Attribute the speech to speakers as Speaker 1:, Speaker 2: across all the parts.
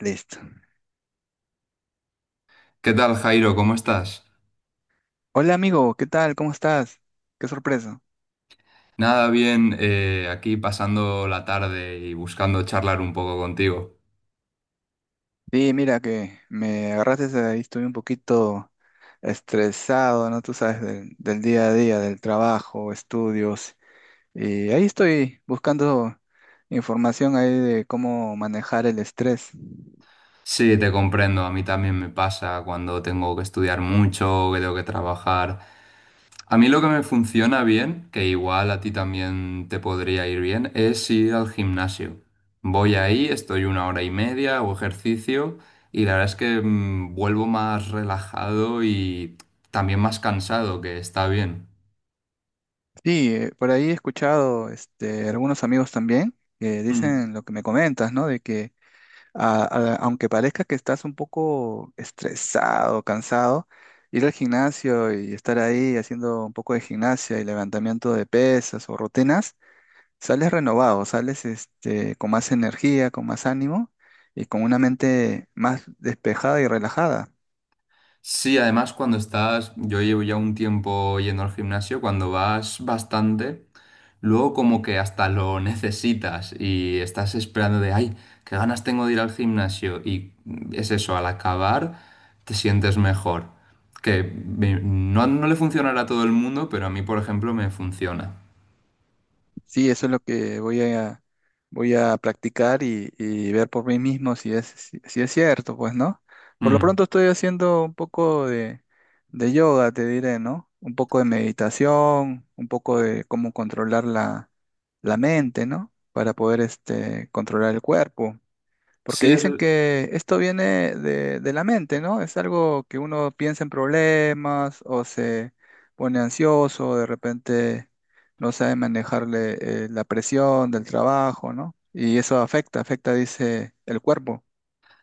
Speaker 1: Listo.
Speaker 2: ¿Qué tal, Jairo? ¿Cómo estás?
Speaker 1: Hola amigo, ¿qué tal? ¿Cómo estás? Qué sorpresa.
Speaker 2: Nada, bien, aquí pasando la tarde y buscando charlar un poco contigo.
Speaker 1: Sí, mira que me agarraste ahí, estuve un poquito estresado, ¿no? Tú sabes, del día a día, del trabajo, estudios. Y ahí estoy buscando información ahí de cómo manejar el estrés.
Speaker 2: Sí, te comprendo, a mí también me pasa cuando tengo que estudiar mucho, que tengo que trabajar. A mí lo que me funciona bien, que igual a ti también te podría ir bien, es ir al gimnasio. Voy ahí, estoy una hora y media, hago ejercicio y la verdad es que vuelvo más relajado y también más cansado, que está bien.
Speaker 1: Sí, por ahí he escuchado este, algunos amigos también que
Speaker 2: Mm.
Speaker 1: dicen lo que me comentas, ¿no? De que a- aunque parezca que estás un poco estresado, cansado, ir al gimnasio y estar ahí haciendo un poco de gimnasia y levantamiento de pesas o rutinas, sales renovado, sales este, con más energía, con más ánimo y con una mente más despejada y relajada.
Speaker 2: Sí, además cuando estás, yo llevo ya un tiempo yendo al gimnasio, cuando vas bastante, luego como que hasta lo necesitas y estás esperando de, ay, qué ganas tengo de ir al gimnasio y es eso, al acabar te sientes mejor. Que me- no le funcionará a todo el mundo, pero a mí, por ejemplo, me funciona.
Speaker 1: Sí, eso es lo que voy a practicar y ver por mí mismo si es, si, si es cierto, pues, ¿no? Por lo
Speaker 2: Mm.
Speaker 1: pronto estoy haciendo un poco de yoga, te diré, ¿no? Un poco de meditación, un poco de cómo controlar la mente, ¿no? Para poder este, controlar el cuerpo. Porque
Speaker 2: Sí, eso,
Speaker 1: dicen que esto viene de la mente, ¿no? Es algo que uno piensa en problemas o se pone ansioso, o de repente no sabe manejarle la presión del trabajo, ¿no? Y eso afecta, afecta, dice, el cuerpo.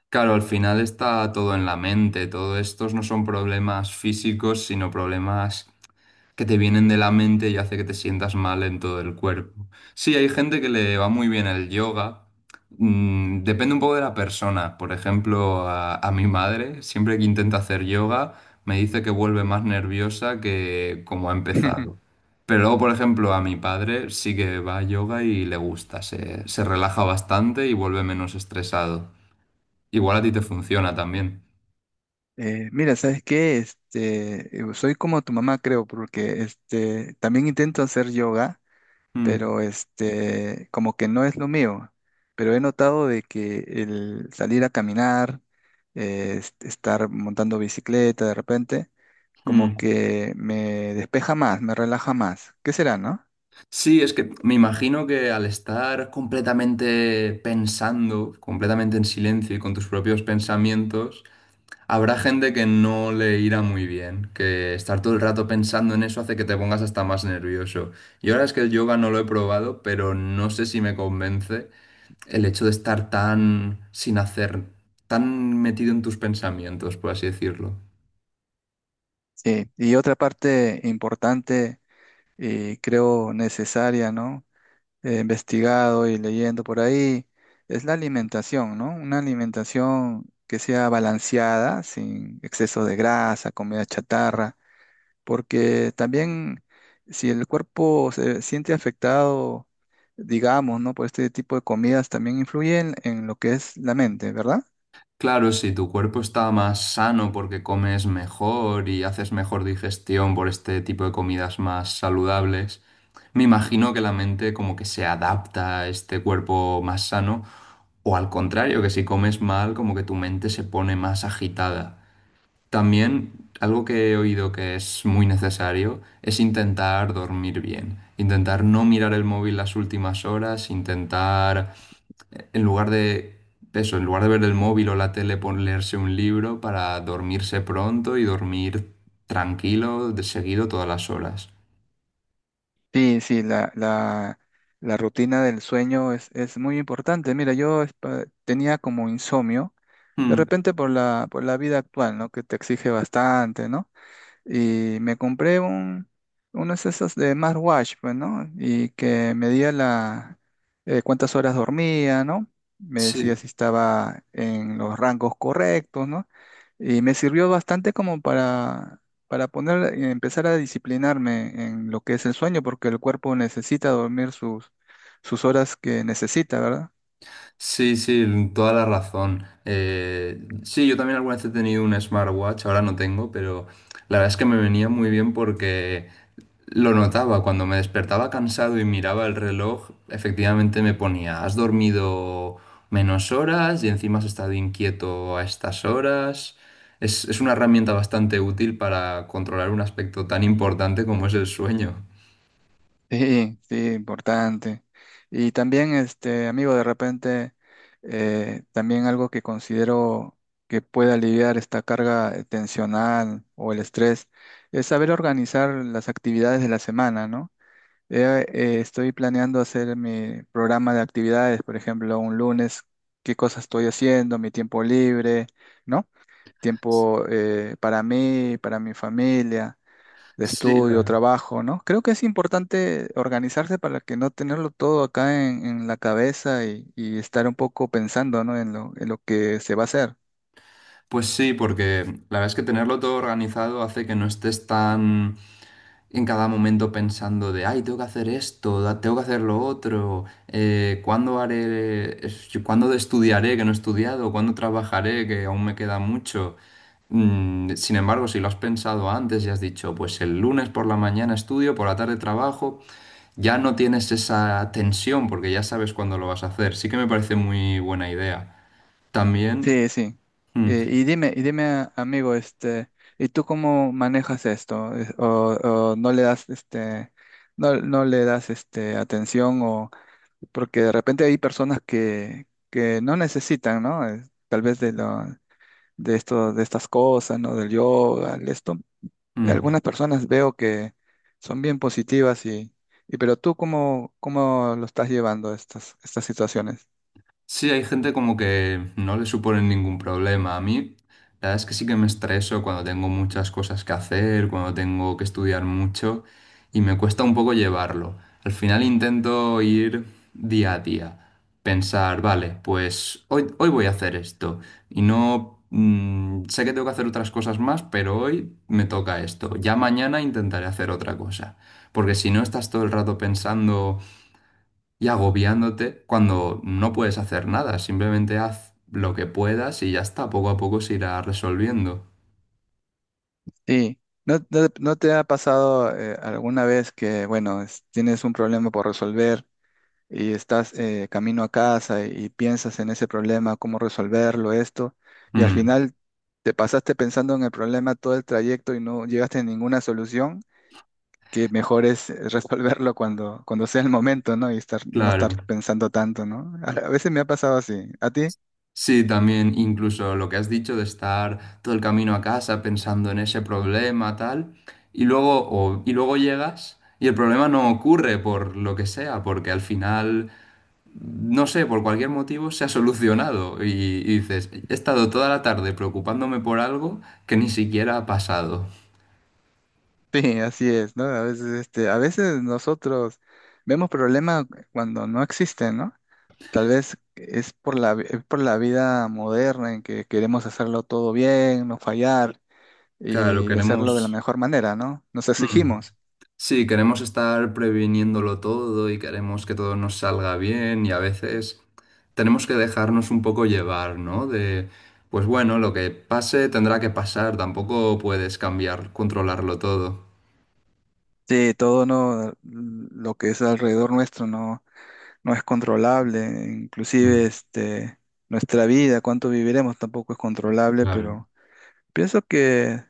Speaker 2: claro, al final está todo en la mente, todo estos no son problemas físicos, sino problemas que te vienen de la mente y hace que te sientas mal en todo el cuerpo. Sí, hay gente que le va muy bien el yoga. Mm, depende un poco de la persona. Por ejemplo, a mi madre, siempre que intenta hacer yoga, me dice que vuelve más nerviosa que como ha empezado. Pero luego, por ejemplo, a mi padre sí que va a yoga y le gusta, se relaja bastante y vuelve menos estresado. Igual a ti te funciona también.
Speaker 1: Mira, ¿sabes qué? Este, soy como tu mamá, creo, porque este, también intento hacer yoga
Speaker 2: Mm,
Speaker 1: pero este, como que no es lo mío. Pero he notado de que el salir a caminar, estar montando bicicleta de repente, como
Speaker 2: mm.
Speaker 1: que me despeja más, me relaja más. ¿Qué será, no?
Speaker 2: Sí, es que me imagino que al estar completamente pensando, completamente en silencio y con tus propios pensamientos, habrá gente que no le irá muy bien, que estar todo el rato pensando en eso hace que te pongas hasta más nervioso. Y ahora es que el yoga no lo he probado, pero no sé si me convence el hecho de estar tan sin hacer, tan metido en tus pensamientos, por así decirlo.
Speaker 1: Sí, y otra parte importante y creo necesaria, ¿no? He investigado y leyendo por ahí, es la alimentación, ¿no? Una alimentación que sea balanceada, sin exceso de grasa, comida chatarra porque también si el cuerpo se siente afectado, digamos, ¿no? Por este tipo de comidas, también influyen en lo que es la mente, ¿verdad?
Speaker 2: Claro, si tu cuerpo está más sano porque comes mejor y haces mejor digestión por este tipo de comidas más saludables, me imagino que la mente como que se adapta a este cuerpo más sano o al contrario, que si comes mal como que tu mente se pone más agitada. También algo que he oído que es muy necesario es intentar dormir bien, intentar no mirar el móvil las últimas horas, intentar en lugar de eso, en lugar de ver el móvil o la tele, pon- leerse un libro para dormirse pronto y dormir tranquilo de seguido todas las horas.
Speaker 1: Sí, sí, la rutina del sueño es muy importante. Mira, tenía como insomnio, de
Speaker 2: Mm,
Speaker 1: repente por la vida actual, ¿no? Que te exige bastante, ¿no? Y unos esas de smartwatch, pues, ¿no? Y que medía cuántas horas dormía, ¿no? Me decía
Speaker 2: sí,
Speaker 1: si estaba en los rangos correctos, ¿no? Y me sirvió bastante como para poner, empezar a disciplinarme en lo que es el sueño, porque el cuerpo necesita dormir sus, sus horas que necesita, ¿verdad?
Speaker 2: sí, sí, toda la razón. Sí, yo también alguna vez he tenido un smartwatch, ahora no tengo, pero la verdad es que me venía muy bien porque lo notaba, cuando me despertaba cansado y miraba el reloj, efectivamente me ponía, has dormido menos horas y encima has estado inquieto a estas horas. Es una herramienta bastante útil para controlar un aspecto tan importante como es el sueño.
Speaker 1: Sí, sí, importante. Y también, este, amigo, de repente, también algo que considero que puede aliviar esta carga tensional o el estrés es saber organizar las actividades de la semana, ¿no? Estoy planeando hacer mi programa de actividades, por ejemplo, un lunes, qué cosas estoy haciendo, mi tiempo libre, ¿no? Tiempo para mí, para mi familia de
Speaker 2: Sí,
Speaker 1: estudio,
Speaker 2: la-
Speaker 1: trabajo, ¿no? Creo que es importante organizarse para que no tenerlo todo acá en la cabeza y estar un poco pensando, ¿no? En lo que se va a hacer.
Speaker 2: pues sí, porque la verdad es que tenerlo todo organizado hace que no estés tan en cada momento pensando de, ay, tengo que hacer esto, da- tengo que hacer lo otro, ¿cuándo haré, es- yo- cuándo estudiaré que no he estudiado, cuándo trabajaré que aún me queda mucho? Mm, sin embargo, si lo has pensado antes y has dicho, pues el lunes por la mañana estudio, por la tarde trabajo, ya no tienes esa tensión porque ya sabes cuándo lo vas a hacer. Sí que me parece muy buena idea. También...
Speaker 1: Sí, sí.
Speaker 2: mm,
Speaker 1: Y dime, amigo, este, ¿y tú cómo manejas esto? Es- ¿O, o no le das, este, no le das, este, atención o porque de repente hay personas que no necesitan, ¿no? Tal vez de esto, de estas cosas, ¿no? Del yoga, de esto.
Speaker 2: mm,
Speaker 1: Algunas personas veo que son bien positivas y pero tú cómo, cómo lo estás llevando estas, estas situaciones.
Speaker 2: sí, hay gente como que no le supone ningún problema. A mí, la verdad es que sí que me estreso cuando tengo muchas cosas que hacer, cuando tengo que estudiar mucho y me cuesta un poco llevarlo. Al final intento ir día a día, pensar, vale, pues hoy voy a hacer esto y no... sé que tengo que hacer otras cosas más, pero hoy me toca esto. Ya mañana intentaré hacer otra cosa. Porque si no estás todo el rato pensando y agobiándote cuando no puedes hacer nada. Simplemente haz lo que puedas y ya está. Poco a poco se irá resolviendo.
Speaker 1: Sí, ¿no, no te ha pasado alguna vez que, bueno, es- tienes un problema por resolver y estás camino a casa y piensas en ese problema, cómo resolverlo, esto, y al
Speaker 2: Mm,
Speaker 1: final te pasaste pensando en el problema todo el trayecto y no llegaste a ninguna solución? Que mejor es resolverlo cuando, cuando sea el momento, ¿no? Y estar, no estar
Speaker 2: claro.
Speaker 1: pensando tanto, ¿no? A veces me ha pasado así. ¿A ti?
Speaker 2: Sí, también incluso lo que has dicho de estar todo el camino a casa pensando en ese problema, tal, y luego, o- y luego llegas y el problema no ocurre por lo que sea, porque al final, no sé, por cualquier motivo se ha solucionado y dices, he estado toda la tarde preocupándome por algo que ni siquiera ha pasado.
Speaker 1: Sí, así es, ¿no? A veces, este, a veces nosotros vemos problemas cuando no existen, ¿no? Tal vez es por es por la vida moderna en que queremos hacerlo todo bien, no fallar
Speaker 2: Claro,
Speaker 1: y de hacerlo de la
Speaker 2: queremos...
Speaker 1: mejor manera, ¿no? Nos
Speaker 2: Mm.
Speaker 1: exigimos.
Speaker 2: Sí, queremos estar previniéndolo todo y queremos que todo nos salga bien y a veces tenemos que dejarnos un poco llevar, ¿no? De, pues bueno, lo que pase tendrá que pasar, tampoco puedes cambiar, controlarlo todo.
Speaker 1: Sí, todo no, lo que es alrededor nuestro, ¿no? No es controlable,
Speaker 2: Mm,
Speaker 1: inclusive este, nuestra vida, cuánto viviremos tampoco es controlable,
Speaker 2: claro.
Speaker 1: pero pienso que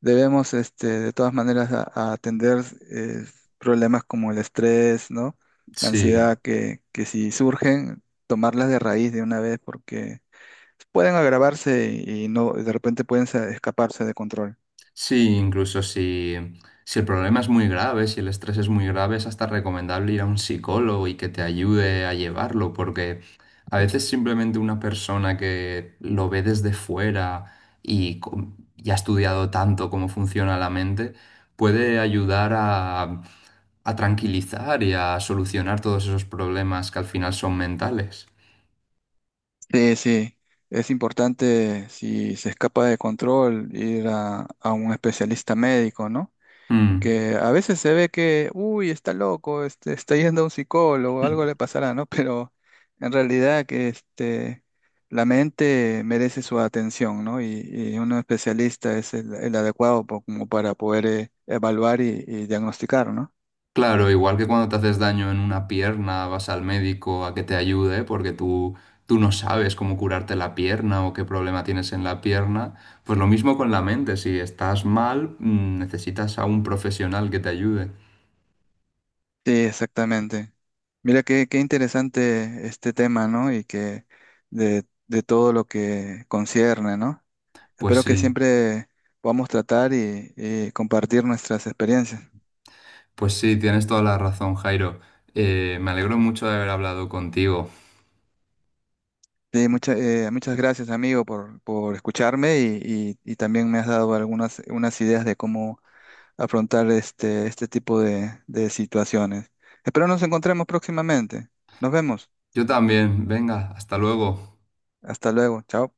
Speaker 1: debemos este, de todas maneras a atender eh, problemas como el estrés, ¿no? La
Speaker 2: Sí.
Speaker 1: ansiedad que si surgen, tomarlas de raíz de una vez porque pueden agravarse y no, de repente pueden escaparse de control.
Speaker 2: Sí, incluso si, si el problema es muy grave, si el estrés es muy grave, es hasta recomendable ir a un psicólogo y que te ayude a llevarlo, porque a veces simplemente una persona que lo ve desde fuera y, com- y ha estudiado tanto cómo funciona la mente, puede ayudar a tranquilizar y a solucionar todos esos problemas que al final son mentales.
Speaker 1: Sí, sí. Es importante, si se escapa de control, ir a un especialista médico, ¿no?
Speaker 2: Mm.
Speaker 1: Que a veces se ve que, uy, está loco, este, está yendo a un psicólogo, algo le pasará, ¿no? Pero en realidad que este, la mente merece su atención, ¿no? Y un especialista es el adecuado como para poder evaluar y diagnosticar, ¿no?
Speaker 2: Claro, igual que cuando te haces daño en una pierna, vas al médico a que te ayude porque tú no sabes cómo curarte la pierna o qué problema tienes en la pierna, pues lo mismo con la mente, si estás mal, necesitas a un profesional que te ayude.
Speaker 1: Sí, exactamente. Mira qué, qué interesante este tema, ¿no? Y que de todo lo que concierne, ¿no?
Speaker 2: Pues
Speaker 1: Espero que
Speaker 2: sí,
Speaker 1: siempre podamos tratar y compartir nuestras experiencias.
Speaker 2: pues sí, tienes toda la razón, Jairo. Me alegro mucho de haber hablado contigo.
Speaker 1: Sí, muchas gracias, amigo, por escucharme y también me has dado algunas unas ideas de cómo afrontar este, este tipo de situaciones. Espero nos encontremos próximamente. Nos vemos.
Speaker 2: Yo también, venga, hasta luego.
Speaker 1: Hasta luego. Chao.